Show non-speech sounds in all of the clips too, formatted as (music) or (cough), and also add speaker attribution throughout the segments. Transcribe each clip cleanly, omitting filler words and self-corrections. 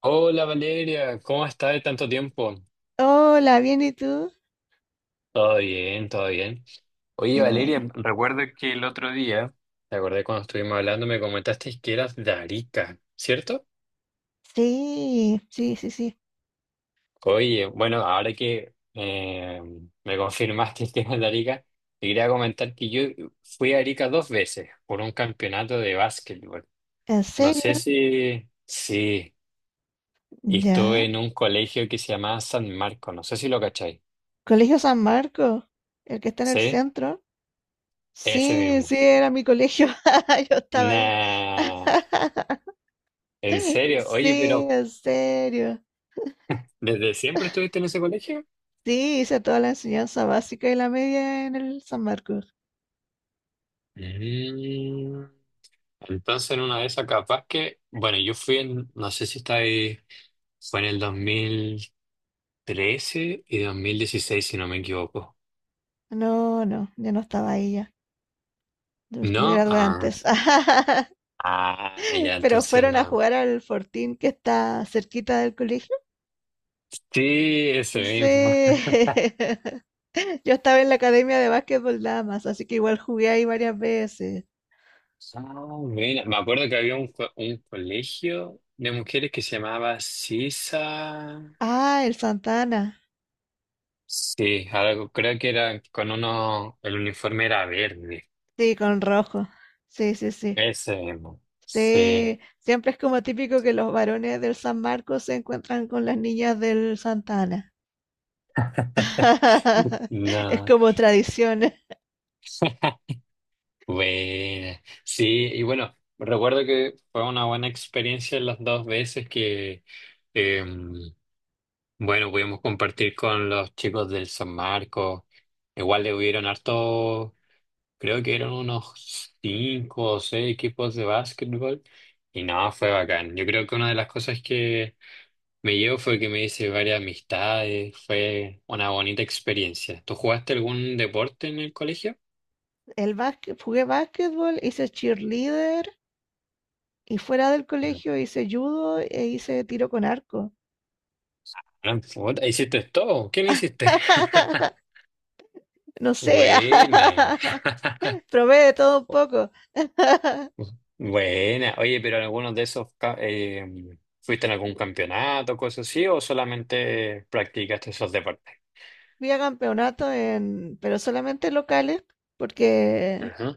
Speaker 1: Hola Valeria, ¿cómo estás de tanto tiempo?
Speaker 2: Hola, ¿bien y tú?
Speaker 1: Todo bien, todo bien. Oye
Speaker 2: Qué
Speaker 1: Valeria,
Speaker 2: buena.
Speaker 1: recuerdo que el otro día, te acordé cuando estuvimos hablando, me comentaste que eras de Arica, ¿cierto?
Speaker 2: Sí, sí, sí, sí.
Speaker 1: Oye, bueno, ahora que me confirmaste (laughs) que eras de Arica, te quería comentar que yo fui a Arica dos veces por un campeonato de básquetbol.
Speaker 2: ¿En
Speaker 1: No
Speaker 2: serio?
Speaker 1: sé si... Sí, y estuve
Speaker 2: Ya.
Speaker 1: en un colegio que se llamaba San Marco, no sé si lo cacháis.
Speaker 2: Colegio San Marco, el que está en el
Speaker 1: ¿Sí?
Speaker 2: centro.
Speaker 1: Ese
Speaker 2: Sí,
Speaker 1: mismo.
Speaker 2: sí, era mi colegio. (laughs) Yo estaba ahí.
Speaker 1: Nah, ¿en serio? Oye,
Speaker 2: Sí,
Speaker 1: pero
Speaker 2: en serio.
Speaker 1: ¿desde siempre estuviste en ese colegio?
Speaker 2: Sí, hice toda la enseñanza básica y la media en el San Marcos.
Speaker 1: Mm. Entonces, en una de esas, capaz que, bueno, yo fui en, no sé si está ahí, fue en el 2013 y 2016 si no me equivoco.
Speaker 2: No, yo no estaba ahí ya. Yo Me
Speaker 1: ¿No?
Speaker 2: gradué
Speaker 1: Ah,
Speaker 2: antes. (laughs)
Speaker 1: ah, ya,
Speaker 2: Pero
Speaker 1: entonces
Speaker 2: fueron a
Speaker 1: no.
Speaker 2: jugar al Fortín que está cerquita del colegio.
Speaker 1: Sí, ese mismo.
Speaker 2: Sí. (laughs) Yo estaba en la academia de básquetbol damas, así que igual jugué ahí varias veces.
Speaker 1: Ah, mira, me acuerdo que había un colegio de mujeres que se llamaba Sisa.
Speaker 2: Ah, el Santana.
Speaker 1: Sí, algo, creo que era con uno, el uniforme era verde.
Speaker 2: Sí, con rojo. Sí, sí, sí.
Speaker 1: Ese mismo. Sí.
Speaker 2: Sí, siempre es como típico que los varones del San Marcos se encuentran con las niñas del Santana. (laughs) Es
Speaker 1: No.
Speaker 2: como tradición.
Speaker 1: (laughs) Bueno, sí, y bueno, recuerdo que fue una buena experiencia las dos veces que, eh, bueno, pudimos compartir con los chicos del San Marcos. Igual le hubieron harto, creo que eran unos cinco o seis equipos de básquetbol. Y no, fue bacán. Yo creo que una de las cosas que me llevo fue que me hice varias amistades, fue una bonita experiencia. ¿Tú jugaste algún deporte en el colegio?
Speaker 2: El básquet, jugué básquetbol, hice cheerleader y fuera del
Speaker 1: No.
Speaker 2: colegio hice judo e hice tiro con arco.
Speaker 1: Ah, puta, ¿hiciste todo? ¿Qué no hiciste?
Speaker 2: (laughs)
Speaker 1: (laughs)
Speaker 2: No sé,
Speaker 1: Buena.
Speaker 2: (laughs)
Speaker 1: (laughs)
Speaker 2: probé de todo un poco. (laughs)
Speaker 1: Buena. Oye, pero algunos de esos ¿fuiste en algún campeonato, cosas así, o solamente practicaste esos deportes?
Speaker 2: Fui a campeonatos en, pero solamente locales, porque
Speaker 1: Ajá.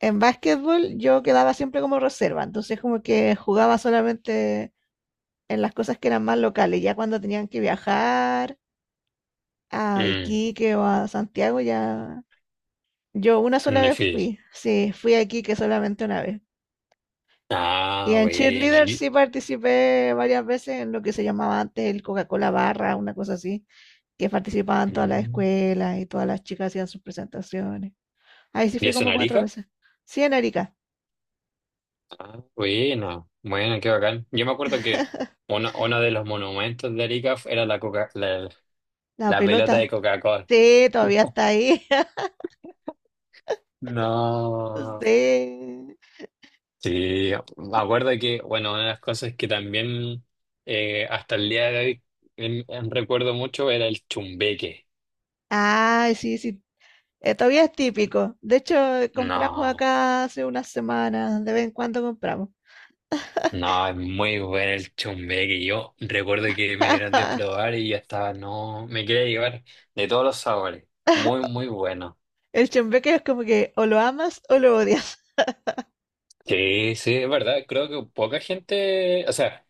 Speaker 2: en básquetbol yo quedaba siempre como reserva, entonces como que jugaba solamente en las cosas que eran más locales, ya cuando tenían que viajar a
Speaker 1: Mm,
Speaker 2: Iquique o a Santiago, ya yo una sola vez
Speaker 1: difícil.
Speaker 2: fui, sí, fui a Iquique solamente una vez. Y
Speaker 1: Ah,
Speaker 2: en
Speaker 1: buena.
Speaker 2: cheerleader
Speaker 1: ¿Y,
Speaker 2: sí participé varias veces en lo que se llamaba antes el Coca-Cola Barra, una cosa así, que participaban todas las
Speaker 1: mm.
Speaker 2: escuelas y todas las chicas hacían sus presentaciones. Ahí sí
Speaker 1: ¿Y
Speaker 2: fui
Speaker 1: eso en
Speaker 2: como cuatro
Speaker 1: Arica?
Speaker 2: veces. Sí, en Arica.
Speaker 1: Ah, bueno, bueno, qué bacán. Yo me acuerdo que uno de los monumentos de Arica era la, Coca, la,
Speaker 2: La
Speaker 1: la pelota de
Speaker 2: pelota.
Speaker 1: Coca-Cola.
Speaker 2: Sí, todavía está ahí. (laughs)
Speaker 1: No.
Speaker 2: Sí.
Speaker 1: Sí, me acuerdo que, bueno, una de las cosas que también hasta el día de hoy en recuerdo mucho era el chumbeque.
Speaker 2: Ay, sí, sí. Todavía es típico. De hecho, compramos
Speaker 1: No,
Speaker 2: acá hace unas semanas. De vez en cuando compramos.
Speaker 1: no, es muy bueno el chumbeque. Yo recuerdo que me dieron de
Speaker 2: (laughs)
Speaker 1: probar y ya estaba, no, me quería llevar de todos los sabores. Muy, muy bueno.
Speaker 2: El chembeque es como que o lo amas o lo odias.
Speaker 1: Sí, sí, es verdad. Creo que poca gente, o sea,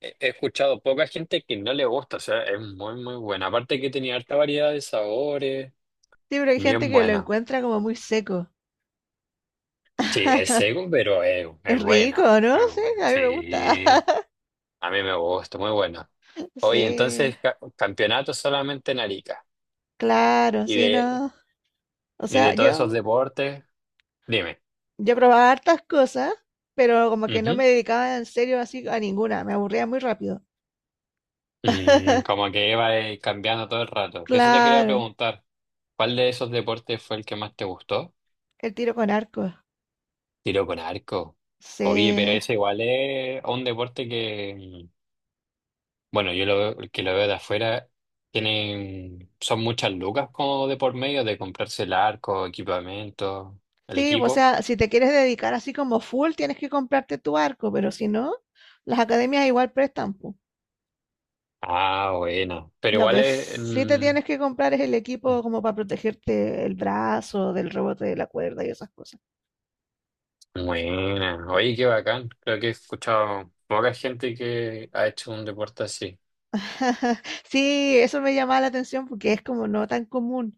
Speaker 1: he escuchado poca gente que no le gusta, o sea, es muy, muy buena. Aparte que tenía harta variedad de sabores,
Speaker 2: Sí, pero hay gente
Speaker 1: bien
Speaker 2: que lo
Speaker 1: buena.
Speaker 2: encuentra como muy seco.
Speaker 1: Sí, es seco, pero es
Speaker 2: Es rico,
Speaker 1: bueno.
Speaker 2: ¿no?
Speaker 1: Es
Speaker 2: Sí,
Speaker 1: bueno.
Speaker 2: a mí me gusta.
Speaker 1: Sí,
Speaker 2: (laughs)
Speaker 1: a mí me gusta, muy bueno. Oye,
Speaker 2: Sí,
Speaker 1: entonces, campeonato solamente en Arica.
Speaker 2: claro,
Speaker 1: Y
Speaker 2: sí,
Speaker 1: de,
Speaker 2: no. O
Speaker 1: y
Speaker 2: sea,
Speaker 1: de todos esos deportes, dime.
Speaker 2: Yo probaba hartas cosas, pero como que no
Speaker 1: Ujú.
Speaker 2: me dedicaba en serio así a ninguna, me aburría muy rápido.
Speaker 1: Como que iba cambiando todo el rato. Eso te quería
Speaker 2: Claro,
Speaker 1: preguntar. ¿Cuál de esos deportes fue el que más te gustó?
Speaker 2: el tiro con arco.
Speaker 1: Tiro con arco. Oye, pero
Speaker 2: Sí.
Speaker 1: ese igual es un deporte que, bueno, que lo veo de afuera, son muchas lucas como de por medio de comprarse el arco, equipamiento, el
Speaker 2: Sí, o
Speaker 1: equipo.
Speaker 2: sea, si te quieres dedicar así como full, tienes que comprarte tu arco, pero si no, las academias igual prestan, po.
Speaker 1: Ah, buena. Pero
Speaker 2: Lo
Speaker 1: igual
Speaker 2: que
Speaker 1: es,
Speaker 2: sí te tienes que comprar es el equipo como para protegerte el brazo del rebote de la cuerda y esas cosas.
Speaker 1: buena. Oye, qué bacán. Creo que he escuchado poca gente que ha hecho un deporte así.
Speaker 2: (laughs) Sí, eso me llamaba la atención porque es como no tan común.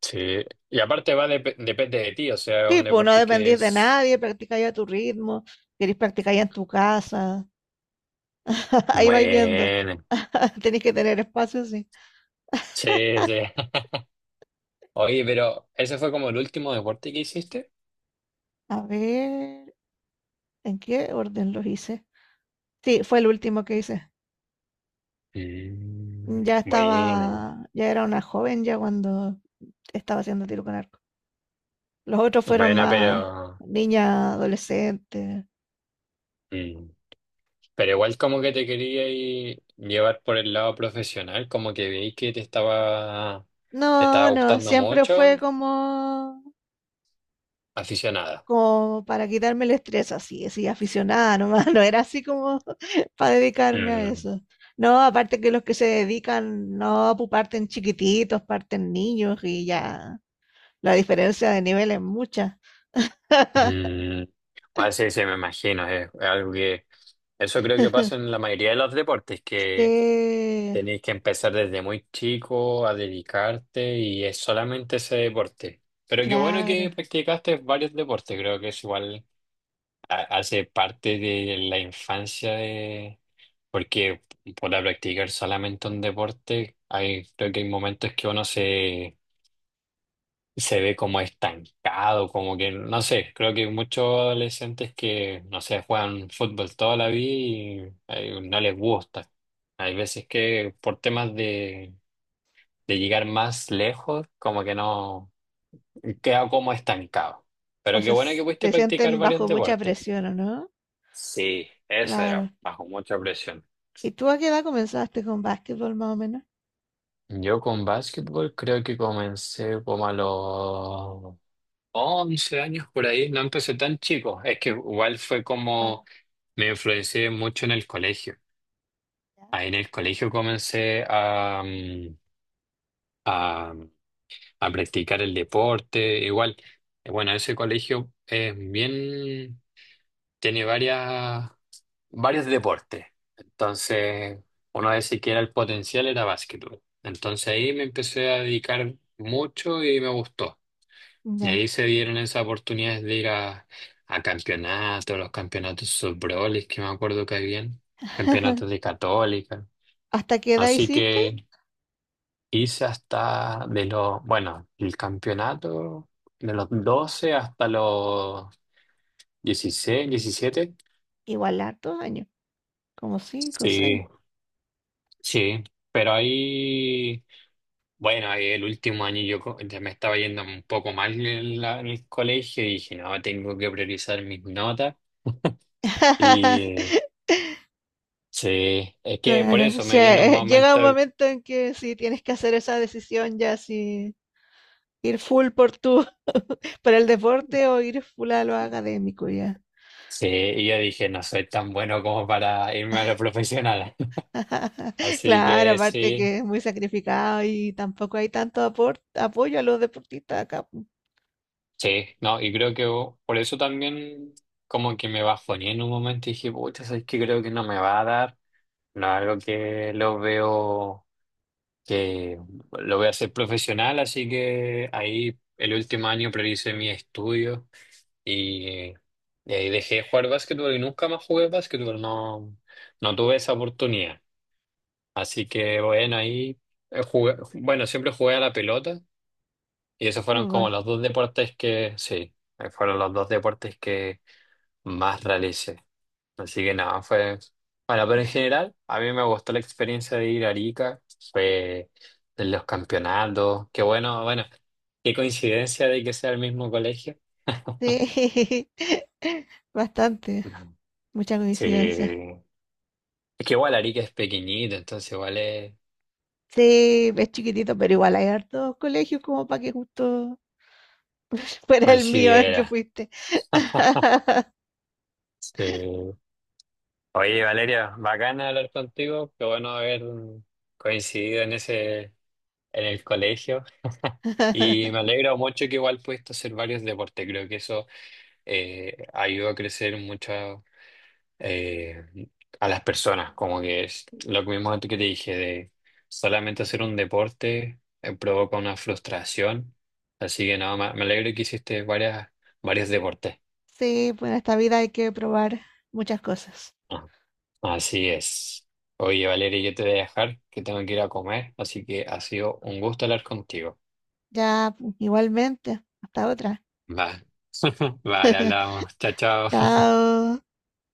Speaker 1: Sí. Y aparte depende de ti, o sea, es
Speaker 2: Sí,
Speaker 1: un
Speaker 2: pues no
Speaker 1: deporte que
Speaker 2: dependís de
Speaker 1: es
Speaker 2: nadie, practicáis a tu ritmo, querés practicar ya en tu casa, (laughs) ahí vais viendo,
Speaker 1: bueno.
Speaker 2: (laughs) tenés que tener espacio, sí.
Speaker 1: Sí, sí. (laughs) Oye, pero ¿ese fue como el último deporte que hiciste?
Speaker 2: A ver, ¿en qué orden los hice? Sí, fue el último que hice.
Speaker 1: Bueno,
Speaker 2: Ya era una joven ya cuando estaba haciendo tiro con arco. Los otros fueron
Speaker 1: bueno,
Speaker 2: más
Speaker 1: pero,
Speaker 2: niña, adolescente.
Speaker 1: mm, pero igual como que te quería llevar por el lado profesional, como que veí que te estaba
Speaker 2: No, no,
Speaker 1: gustando
Speaker 2: siempre fue
Speaker 1: mucho,
Speaker 2: como,
Speaker 1: aficionada.
Speaker 2: como para quitarme el estrés, así, así, aficionada nomás, (laughs) no era así como para dedicarme a
Speaker 1: Mm,
Speaker 2: eso. No, aparte que los que se dedican, no, pues parten chiquititos, parten niños y ya la diferencia de nivel es mucha.
Speaker 1: mm, ah, sí, sí, me imagino, es algo que, eso creo que pasa
Speaker 2: (laughs)
Speaker 1: en la mayoría de los deportes.
Speaker 2: Sí,
Speaker 1: Tenéis que empezar desde muy chico a dedicarte y es solamente ese deporte. Pero qué bueno
Speaker 2: claro.
Speaker 1: que practicaste varios deportes, creo que es igual, hace parte de la infancia de... Porque para practicar solamente un deporte, creo que hay momentos que uno se ve como estancado, como que, no sé, creo que hay muchos adolescentes que, no sé, juegan fútbol toda la vida y no les gusta. Hay veces que por temas de llegar más lejos, como que no, queda como estancado.
Speaker 2: O
Speaker 1: Pero qué
Speaker 2: sea,
Speaker 1: bueno que pudiste
Speaker 2: se
Speaker 1: practicar
Speaker 2: sienten
Speaker 1: varios
Speaker 2: bajo mucha
Speaker 1: deportes.
Speaker 2: presión, ¿o no?
Speaker 1: Sí, eso era,
Speaker 2: Claro.
Speaker 1: bajo mucha presión.
Speaker 2: ¿Y tú a qué edad comenzaste con básquetbol más o menos?
Speaker 1: Yo con básquetbol creo que comencé como a los 11 años por ahí, no empecé tan chico, es que igual fue
Speaker 2: Claro.
Speaker 1: como me influencié mucho en el colegio.
Speaker 2: ¿Ya?
Speaker 1: Ahí en el colegio comencé a, a practicar el deporte, igual, bueno, ese colegio es bien, tiene varias, varios deportes. Entonces, uno de que era el potencial era básquetbol. Entonces ahí me empecé a dedicar mucho y me gustó. Y
Speaker 2: Ya.
Speaker 1: ahí se dieron esas oportunidades de ir a campeonatos, los campeonatos subroles que me acuerdo que habían, campeonatos
Speaker 2: (laughs)
Speaker 1: de Católica.
Speaker 2: ¿Hasta qué edad
Speaker 1: Así
Speaker 2: hiciste?
Speaker 1: que hice hasta de los, bueno, el campeonato de los 12 hasta los 16 17.
Speaker 2: Igual hartos años, como cinco o seis.
Speaker 1: Sí, sí, pero ahí, bueno, ahí el último año ya me estaba yendo un poco mal en el colegio y dije, no, tengo que priorizar mis notas. Y
Speaker 2: (laughs)
Speaker 1: sí, es que por
Speaker 2: Claro, o
Speaker 1: eso me
Speaker 2: sea,
Speaker 1: vino un
Speaker 2: llega un
Speaker 1: momento,
Speaker 2: momento en que si tienes que hacer esa decisión ya si ir full por tu (laughs) por el deporte o ir full a lo académico ya.
Speaker 1: sí, y yo dije, no soy tan bueno como para irme a la profesional. (laughs)
Speaker 2: (laughs)
Speaker 1: Así
Speaker 2: Claro,
Speaker 1: que
Speaker 2: aparte
Speaker 1: sí,
Speaker 2: que es muy sacrificado y tampoco hay tanto apoyo a los deportistas acá pu-
Speaker 1: sí, no, y creo que por eso también como que me bajoné en un momento y dije, pucha, es que creo que no me va a dar, no es algo que lo veo que lo voy a hacer profesional, así que ahí el último año prioricé mi estudio y, y ahí dejé de jugar básquetbol y nunca más jugué básquetbol, no, no tuve esa oportunidad. Así que bueno, ahí jugué, bueno, siempre jugué a la pelota y esos fueron
Speaker 2: fútbol.
Speaker 1: como los dos deportes que, sí, fueron los dos deportes que más realicé. Así que nada, fue... Bueno, pero en general, a mí me gustó la experiencia de ir a Arica, fue de los campeonatos, qué bueno, bueno, qué coincidencia de que sea el mismo colegio.
Speaker 2: Sí. (laughs) Bastante,
Speaker 1: No.
Speaker 2: mucha
Speaker 1: Sí,
Speaker 2: coincidencia.
Speaker 1: es que igual Arica es pequeñito, entonces igual es...
Speaker 2: Sí, es chiquitito, pero igual hay hartos colegios como para que justo (laughs) fuera el mío el que
Speaker 1: considera.
Speaker 2: fuiste.
Speaker 1: (laughs)
Speaker 2: (laughs)
Speaker 1: Sí. Oye, Valeria, bacana hablar contigo, qué bueno haber coincidido en ese, en el colegio. Y me alegro mucho que igual pudiste hacer varios deportes, creo que eso ayuda a crecer mucho eh, a las personas, como que es lo que mismo que te dije, de solamente hacer un deporte provoca una frustración, así que no, me alegro que hiciste varias, varios deportes.
Speaker 2: Sí, pues en esta vida hay que probar muchas cosas.
Speaker 1: Ah, así es. Oye, Valeria, yo te voy a dejar, que tengo que ir a comer, así que ha sido un gusto hablar contigo.
Speaker 2: Ya, pues, igualmente. Hasta otra.
Speaker 1: Vale, (laughs) vale,
Speaker 2: (laughs)
Speaker 1: hablamos. Chao, chao.
Speaker 2: Chao.